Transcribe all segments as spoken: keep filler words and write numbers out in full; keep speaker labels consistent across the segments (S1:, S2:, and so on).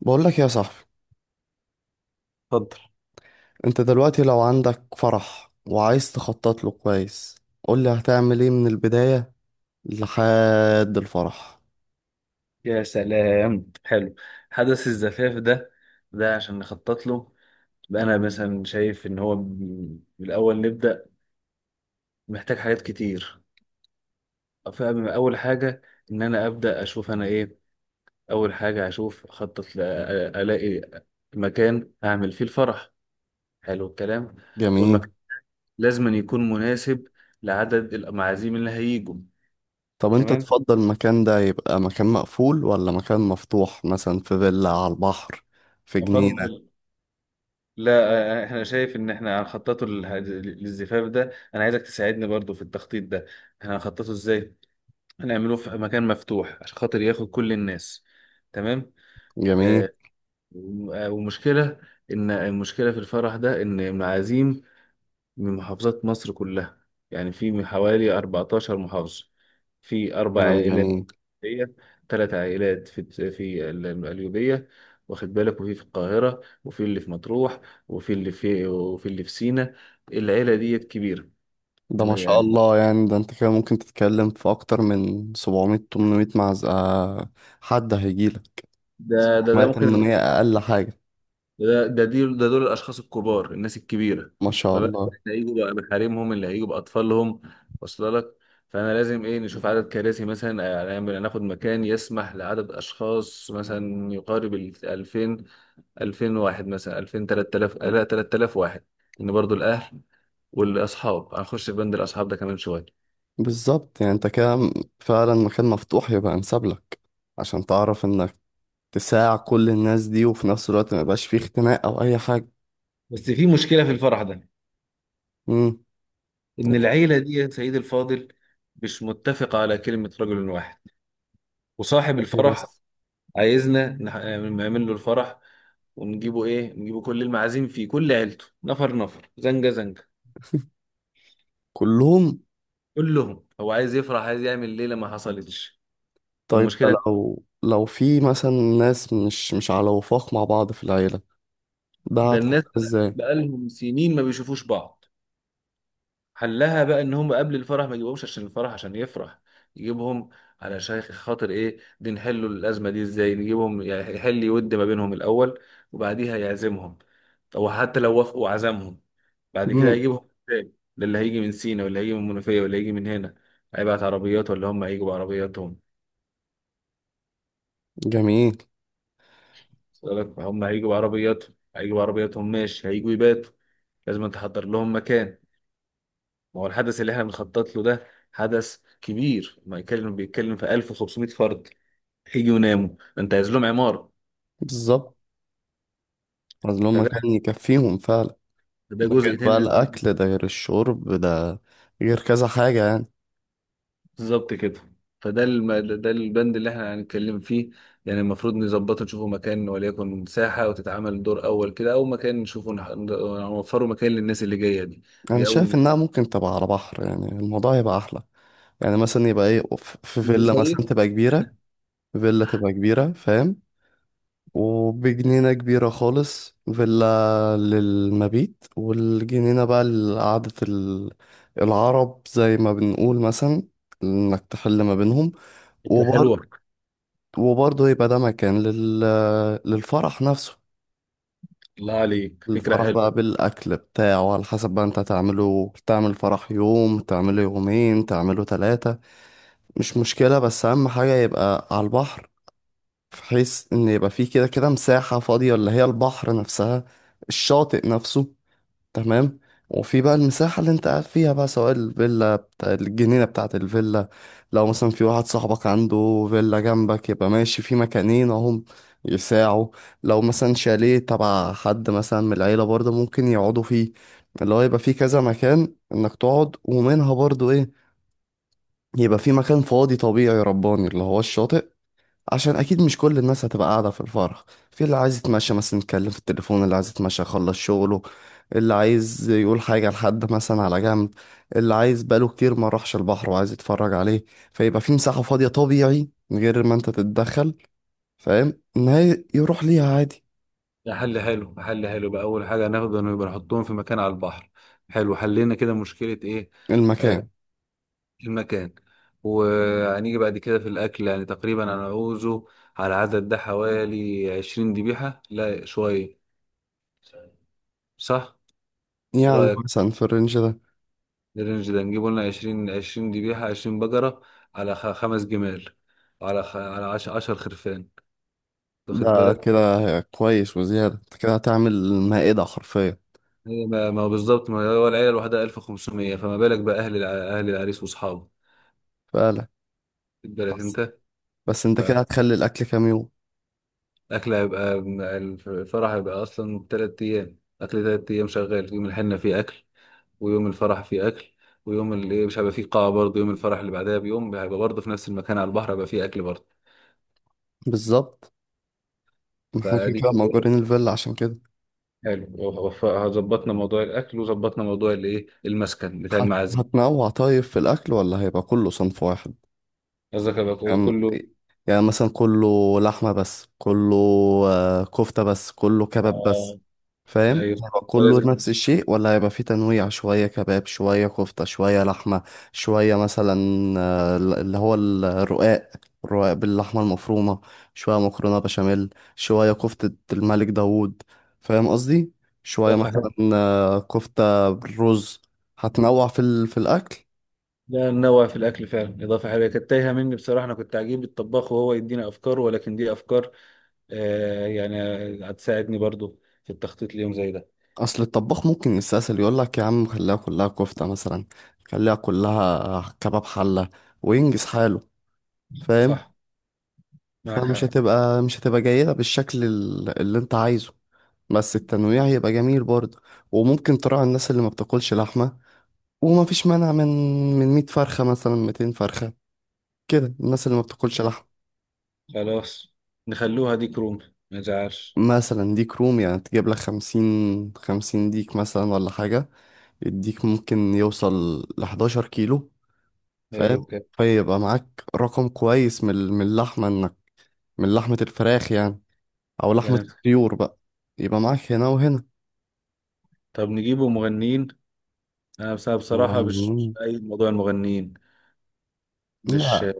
S1: بقول لك يا صاحبي،
S2: اتفضل.
S1: انت دلوقتي لو عندك فرح وعايز تخطط له كويس قول لي هتعمل ايه من البداية لحد الفرح.
S2: يا سلام حلو. حدث الزفاف ده، ده عشان نخطط له. بقى انا مثلا شايف ان هو م- بالاول نبدا، محتاج حاجات كتير. فاول حاجه ان انا ابدا اشوف انا ايه. اول حاجه اشوف اخطط ل- الاقي مكان اعمل فيه الفرح. حلو الكلام.
S1: جميل.
S2: والمكان لازم أن يكون مناسب لعدد المعازيم اللي هيجوا.
S1: طب انت
S2: تمام.
S1: تفضل المكان ده يبقى مكان مقفول ولا مكان مفتوح، مثلا في فيلا على البحر، في جنينة؟
S2: افضل. لا آه، احنا شايف ان احنا هنخططه للح- للزفاف ده، انا عايزك تساعدني برضو في التخطيط ده. احنا هنخططه ازاي؟ هنعمله في مكان مفتوح عشان خاطر ياخد كل الناس. تمام.
S1: جميل.
S2: آه، وم- آه، ومشكلة، ان المشكلة في الفرح ده ان المعازيم من محافظات مصر كلها، يعني في من حوالي أربعتاشر محافظة، في اربع
S1: كلام
S2: عائلات.
S1: جميل.
S2: هي ثلاث عائلات في في ال- القليوبية، واخد بالك، وفي في القاهرة، وفي اللي في مطروح، وفي اللي في وفي اللي في سينا. العيلة ديت كبيرة.
S1: ده
S2: من
S1: ما
S2: غير-
S1: شاء
S2: يعني
S1: الله، يعني ده انت كده ممكن تتكلم في اكتر من سبعمية تمنمية معزة. حد هيجيلك
S2: ده ده
S1: سبعمية
S2: ده ممكن ده.
S1: ثمانمائة اقل حاجة.
S2: ده دي ده دول الأشخاص الكبار، الناس الكبيرة.
S1: ما شاء
S2: ما بالك بقى
S1: الله.
S2: اللي هيجوا بقى بحريمهم، اللي هيجوا بأطفالهم. واصل لك؟ فأنا لازم إيه نشوف عدد كراسي مثلا، آه، نعمل- ناخد مكان يسمح لعدد أشخاص مثلا يقارب ال ألفين، ألفين واحد مثلا، ألفين، تلت تلاف، لا، تلت تلاف واحد. ان برضو الاهل والاصحاب هنخش في بند الاصحاب ده كمان شويه.
S1: بالظبط، يعني انت كده م- فعلا مكان مفتوح يبقى انسب لك. عشان تعرف انك تساع كل الناس دي، وفي نفس الوقت ما يبقاش فيه اختناق او اي حاجة.
S2: بس في مشكلة في الفرح ده،
S1: امم.
S2: إن العيلة دي يا سيد الفاضل مش متفقة على كلمة رجل واحد. وصاحب الفرح
S1: بس.
S2: عايزنا نح- نعمل له الفرح، ونجيبه إيه، نجيبه كل المعازيم فيه، كل عيلته، نفر نفر، زنجة زنجة،
S1: كلهم.
S2: كلهم. هو عايز يفرح، عايز يعمل ليلة ما حصلتش.
S1: طيب، ده
S2: والمشكلة،
S1: لو لو في مثلا ناس مش مش على وفاق مع بعض في العيلة، ده
S2: ده الناس
S1: هتحقق ازاي؟
S2: بقالهم سنين ما بيشوفوش بعض. حلها بقى ان هم قبل الفرح ما يجيبهمش عشان الفرح عشان يفرح، يجيبهم على شيخ خاطر ايه دي، نحلوا الازمه دي ازاي، نجيبهم يعني يحل يود ما بينهم الاول، وبعديها يعزمهم. او حتى لو وافقوا عزمهم، بعد كده
S1: امم.
S2: هيجيبهم ازاي؟ ده اللي هيجي من سينا واللي هيجي من المنوفيه واللي هيجي من هنا، هيبعت عربيات ولا هم هيجوا بعربياتهم؟
S1: جميل.
S2: وصل لك؟ هم هيجوا بعربياتهم، هيجوا بعربياتهم ماشي، هيجوا يباتوا، لازم تحضر لهم مكان. ما هو الحدث اللي احنا بنخطط له ده حدث كبير، ما يتكلم بيتكلم في ألف وخمسمئة فرد، هيجي ويناموا، انت عايز لهم عمارة.
S1: بالظبط، عايز لهم
S2: فده،
S1: مكان يكفيهم فعلا.
S2: ده
S1: ده غير
S2: جزء تاني
S1: بقى
S2: لازم-
S1: الاكل، ده غير الشرب، ده غير كذا حاجة يعني.
S2: بالظبط كده. فده الم... ده البند اللي احنا هنتكلم فيه. يعني المفروض نظبطه، نشوفوا مكان وليكن ساحة وتتعمل دور أول كده، أو مكان نشوفه نح- نوفره مكان للناس اللي جاية دي.
S1: انا
S2: دي أول
S1: شايف
S2: ما
S1: انها ممكن تبقى على بحر، يعني الموضوع يبقى احلى. يعني مثلا يبقى ايه، ف- في
S2: يجي
S1: فيلا
S2: صيف.
S1: مثلا تبقى كبيرة. فيلا تبقى كبيرة، فاهم؟ وبجنينة كبيرة خالص، فيلا للمبيت والجنينة بقى لقعدة ال- العرب زي ما بنقول مثلا، انك تحل ما بينهم.
S2: فكرة حلوة.
S1: وبرضه وبرضه يبقى ده مكان لل... للفرح نفسه.
S2: الله عليك، فكرة
S1: الفرح بقى
S2: حلوة.
S1: بالأكل بتاعه على حسب بقى، انت تعمله تعمل فرح يوم، تعمله يومين، تعمله ثلاثة. مش مشكلة، بس أهم حاجة يبقى على البحر. بحيث ان يبقى فيه كده كده مساحة فاضية اللي هي البحر نفسها، الشاطئ نفسه. تمام. وفي بقى المساحة اللي انت قاعد فيها بقى، سواء الفيلا بتاع الجنينة بتاعة الفيلا. لو مثلا في واحد صاحبك عنده فيلا جنبك، يبقى ماشي في مكانين اهم يساعوا. لو مثلا شاليه تبع حد مثلا من العيلة برضه ممكن يقعدوا فيه. اللي هو يبقى فيه كذا مكان انك تقعد، ومنها برضه ايه، يبقى في مكان فاضي طبيعي رباني اللي هو الشاطئ. عشان اكيد مش كل الناس هتبقى قاعده في الفرح. في اللي عايز يتمشى مثلا يتكلم في التليفون، اللي عايز يتمشى يخلص شغله، اللي عايز يقول حاجه لحد مثلا على جنب، اللي عايز بقاله كتير ما راحش البحر وعايز يتفرج عليه. فيبقى في مساحه فاضيه طبيعي من غير ما انت تتدخل، فاهم، ان هي يروح ليها عادي.
S2: حل حلو حل حلو بقى، اول حاجه هناخده انه يبقى نحطهم في مكان على البحر. حلو، حلينا كده، مشكله ايه. آه،
S1: المكان.
S2: المكان. وهنيجي بعد كده في الاكل، يعني تقريبا انا عاوزه على العدد ده حوالي عشرين ذبيحه، لا شويه. صح. إيه
S1: يعني
S2: رايك
S1: مثلا في الرينج ده.
S2: الرينج ده نجيبه لنا عشرين، عشرين ذبيحه، عشرين بقره، على خ- خمس جمال، على خ... على عش... عشر خرفان، واخد
S1: ده
S2: بالك.
S1: كده كويس وزياده، انت كده هتعمل مائده حرفيا.
S2: هي ما ما هو بالظبط، ما هو العيله الواحده ألف وخمسمية، فما بالك بقى اهل الع... اهل العريس واصحابه،
S1: فعلا.
S2: واخد بالك
S1: بس
S2: انت.
S1: بس انت كده هتخلي الاكل كام يوم؟
S2: الأكل هيبقى، الفرح هيبقى أصلا تلات أيام أكل، تلات أيام شغال، يوم الحنة فيه أكل، ويوم الفرح فيه أكل، ويوم اللي مش هيبقى فيه قاعة برضه يوم الفرح اللي بعدها بيوم هيبقى برضه في نفس المكان على البحر هيبقى فيه أكل برضه.
S1: بالظبط، ما احنا كده
S2: فدي
S1: كده
S2: كده
S1: مأجورين
S2: إيه،
S1: الفيلا عشان كده.
S2: حلو. وف- ظبطنا موضوع الأكل وظبطنا موضوع الإيه، المسكن بتاع
S1: هت-
S2: المعازيم.
S1: هتنوع طيب في الأكل ولا هيبقى كله صنف واحد؟
S2: قصدك هيبقى كله
S1: يعني،
S2: كله،
S1: يعني مثلا كله لحمة بس، كله آه، كفتة بس، كله كباب بس.
S2: آه،
S1: فاهم؟
S2: أيوه
S1: هيبقى كله
S2: لازم.
S1: نفس الشيء ولا هيبقى فيه تنويع، شوية كباب شوية كفتة شوية لحمة. شوية مثلا، آه، اللي هو الرقاق، الرقاق باللحمة المفرومة. شوية مكرونة بشاميل. شوية كفتة الملك داوود. فاهم قصدي؟ شوية
S2: إضافة
S1: مثلا
S2: حلوة.
S1: آه، كفتة بالرز. هتنوع في ال- في الأكل.
S2: لا ننوع في الأكل فعلا، إضافة حلوة كانت تايهة مني بصراحة، أنا كنت عجيب الطباخ وهو يدينا أفكار ولكن دي أفكار. آه يعني، هتساعدني برضو في التخطيط ليوم زي ده.
S1: اصل الطباخ ممكن يستسهل يقول لك يا عم خليها كلها كفتة مثلا، خليها كلها كباب حلة وينجز حاله، فاهم.
S2: صح. معك
S1: فمش
S2: حق.
S1: هتبقى مش هتبقى جيدة بالشكل ال- اللي انت عايزه، بس التنويع هيبقى جميل برضه. وممكن تراعي الناس اللي ما بتاكلش لحمة، وما فيش مانع من من مية فرخة مثلا ميتين فرخة، كده الناس اللي ما بتاكلش لحمة.
S2: خلاص نخلوها دي كروم، ما تزعلش.
S1: مثلا ديك رومي، يعني تجيب لك خمسين، خمسين ديك مثلا ولا حاجة. الديك ممكن يوصل لحداشر كيلو، فاهم.
S2: حلو كده.
S1: فيبقى معاك رقم كويس من ال- من اللحمة انك، من لحمة الفراخ يعني، او لحمة
S2: كلام.
S1: الطيور بقى. يبقى معاك هنا وهنا.
S2: طب نجيبه مغنيين. انا بس-
S1: هو
S2: بصراحة مش مش
S1: من-
S2: أيد موضوع المغنيين. مش
S1: لا،
S2: آه،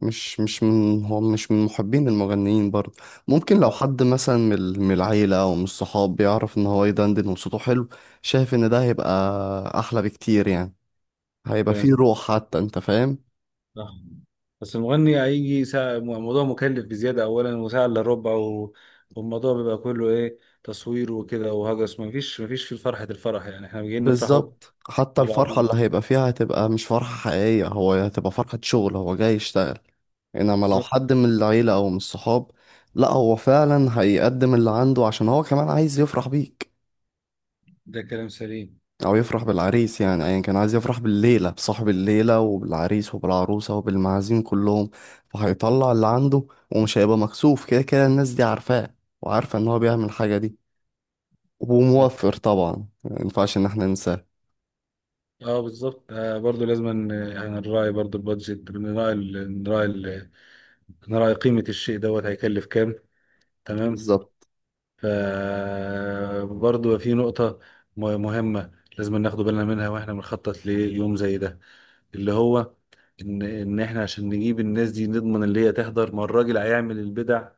S1: مش مش من هو مش من محبين المغنيين برضه. ممكن لو حد مثلا من ال- من العيلة او من الصحاب بيعرف ان هو يدندن وصوته حلو، شايف ان ده هيبقى احلى بكتير يعني، هيبقى
S2: كلام
S1: فيه روح حتى، انت فاهم؟
S2: صح. بس المغني هيجي ساعة، موضوع مكلف بزيادة أولا، وساعة إلا ربع و... والموضوع بيبقى كله إيه تصوير وكده وهجس، مفيش مفيش في فرحة الفرح، يعني إحنا جايين نفرحه
S1: بالظبط، حتى
S2: مع
S1: الفرحة اللي
S2: بعضين.
S1: هيبقى فيها هتبقى مش فرحة حقيقية، هو هتبقى فرحة شغل، هو جاي يشتغل. انما لو
S2: بالظبط،
S1: حد من العيلة او من الصحاب، لا، هو فعلا هيقدم اللي عنده عشان هو كمان عايز يفرح بيك،
S2: ده كلام سليم.
S1: او يفرح بالعريس، يعني ايا كان عايز يفرح بالليلة بصاحب الليلة وبالعريس وبالعروسة وبالمعازيم كلهم. فهيطلع اللي عنده، ومش هيبقى مكسوف، كده كده الناس دي عارفاه وعارفة ان هو بيعمل الحاجة دي. وموفر طبعا، ما ينفعش ان احنا ننساه.
S2: اه بالظبط، آه برضو لازم ان- يعني نراعي برضو البادجت، نراعي ال- نراعي ال- نراعي قيمة الشيء دوت هيكلف كام. تمام.
S1: بالظبط.
S2: ف برضو في نقطة م- مهمة لازم ناخد بالنا منها واحنا بنخطط ليوم زي ده، اللي هو ان ان احنا عشان نجيب الناس دي نضمن اللي هي تحضر، ما الراجل هيعمل البدع.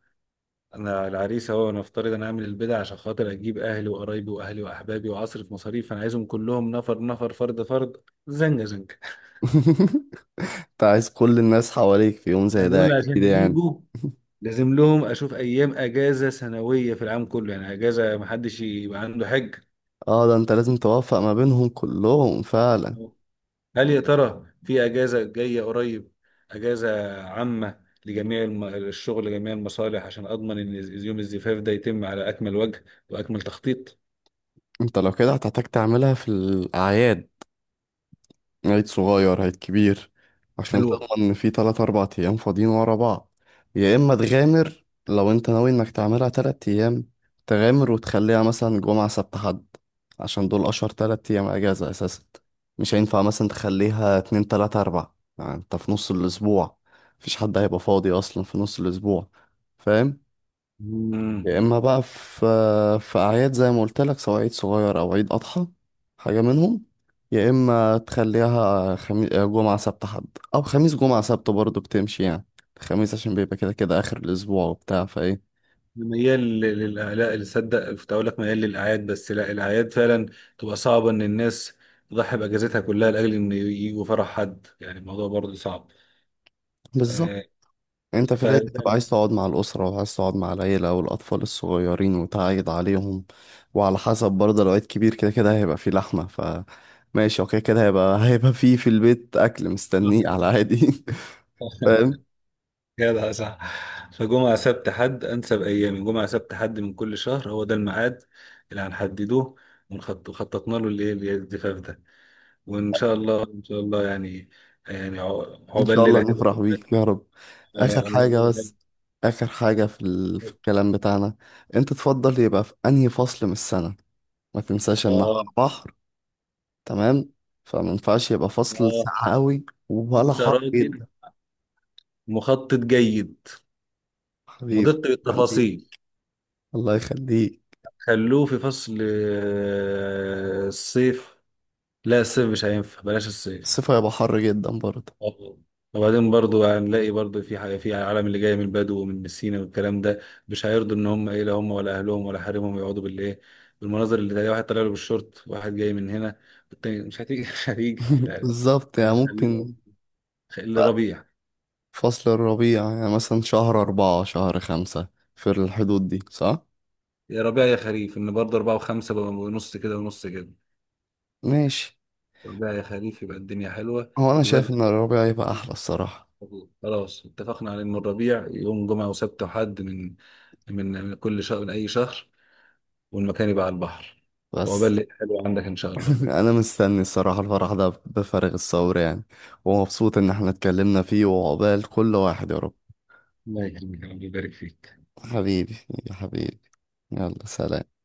S2: انا العريس اهو، نفترض انا هعمل البدع عشان خاطر اجيب اهلي وقرايبي واهلي واحبابي، واصرف مصاريف، انا عايزهم كلهم، نفر نفر، فرد فرد، زنجة زنجة.
S1: انت عايز كل الناس حواليك في يوم
S2: ما
S1: زي ده
S2: دول
S1: اكيد
S2: عشان
S1: يعني.
S2: يجوا لازم لهم اشوف ايام اجازه سنويه في العام كله، يعني اجازه محدش يبقى عنده حج.
S1: اه، ده انت لازم توفق ما بينهم كلهم فعلا.
S2: هل يا ترى في اجازه جايه قريب، اجازه عامه لجميع الم- الشغل لجميع المصالح، عشان اضمن ان يوم الزفاف ده يتم على اكمل وجه واكمل تخطيط.
S1: انت لو كده هتحتاج تعملها في الأعياد، عيد صغير عيد كبير، عشان
S2: حلوه.
S1: تضمن ان في تلات أربع أيام فاضيين ورا بعض. يا إما تغامر لو انت ناوي انك تعملها تلات أيام، تغامر وتخليها مثلا جمعة سبت حد، عشان دول أشهر تلات أيام أجازة أساسا. مش هينفع مثلا تخليها اتنين تلاتة أربع، يعني انت في نص الأسبوع مفيش حد هيبقى فاضي أصلا في نص الأسبوع، فاهم.
S2: امم
S1: يا اما بقى في في اعياد زي ما قلت لك، سواء عيد صغير او عيد اضحى، حاجه منهم. يا اما تخليها خميس جمعه سبت حد، او خميس جمعه سبت برضه بتمشي يعني. الخميس عشان بيبقى كده كده اخر الاسبوع وبتاع فايه.
S2: ميال لل- لل- لا اللي صدق كنت اقول لك، ميال للاعياد، بس لا الاعياد فعلا تبقى صعبه، ان الناس تضحي باجازتها كلها لاجل ان يجوا فرح حد، يعني الموضوع برضه صعب.
S1: بالظبط،
S2: آه،
S1: انت في
S2: ف
S1: العيد بتبقى عايز تقعد مع الاسره وعايز تقعد مع العيله والاطفال الصغيرين وتعيد عليهم. وعلى حسب برضه لو عيد كبير، كده كده هيبقى فيه لحمه ف ماشي، اوكي، كده هيبقى هيبقى فيه في البيت اكل مستنيه على عادي. فاهم.
S2: جدع صح. فجمعة سبت حد أنسب أيامي، جمعة سبت حد من كل شهر، هو ده الميعاد اللي هنحدده، ونخط- وخططنا له الإيه الجفاف ده. وإن شاء الله، إن شاء الله يعني، يعني عق-
S1: ان
S2: عقبال
S1: شاء الله
S2: ليلة حلوة.
S1: نفرح بيك يا رب. اخر
S2: آه،
S1: حاجه
S2: عقبال ليلة
S1: بس. اخر حاجه في, ال... في
S2: حلوة.
S1: الكلام بتاعنا. انت تفضل يبقى في انهي فصل من السنه؟ ما تنساش ان احنا
S2: آه.
S1: بحر. تمام. فما ينفعش يبقى فصل
S2: آه.
S1: ساقع قوي ولا
S2: أنت
S1: حر
S2: راجل
S1: جدا.
S2: مخطط جيد،
S1: حبيبي.
S2: مدق
S1: خليك.
S2: بالتفاصيل.
S1: الله يخليك.
S2: خلوه في فصل آه، الصيف. لا الصيف مش هينفع، بلاش الصيف.
S1: الصيف هيبقى حر جدا برضه.
S2: آه. وبعدين برضو هنلاقي برضو في حاجة في العالم اللي جاي من البدو ومن السينا والكلام ده، مش هيرضوا ان هم ايه، لا هم ولا اهلهم ولا حريمهم يقعدوا بالايه، بالمناظر، اللي تلاقي واحد طالع له بالشورت، واحد جاي من هنا، والتاني مش هتيجي. مش هتيجي لا.
S1: بالظبط يعني
S2: هنخليهم
S1: ممكن.
S2: لربيع.
S1: فصل الربيع، يعني مثلا شهر أربعة شهر خمسة، في الحدود دي، صح؟
S2: يا ربيع يا خريف، ان برضه أربعة وخمسة بقى، ونص كده ونص كده.
S1: ماشي.
S2: ربيع يا خريف يبقى الدنيا حلوة.
S1: هو أنا
S2: يبقى
S1: شايف إن
S2: لك-
S1: الربيع يبقى أحلى الصراحة.
S2: خلاص اتفقنا على ان الربيع، يوم جمعة وسبت وحد، من من من كل شهر، من اي شهر، والمكان يبقى على البحر. وعقبال
S1: بس.
S2: الليل حلو عندك إن شاء الله.
S1: انا مستني الصراحه الفرح ده بفارغ الصبر يعني، ومبسوط ان احنا اتكلمنا فيه، وعقبال كل واحد يا رب.
S2: الله يكرمك، ربنا يبارك فيك.
S1: حبيبي. يا حبيبي. يلا سلام.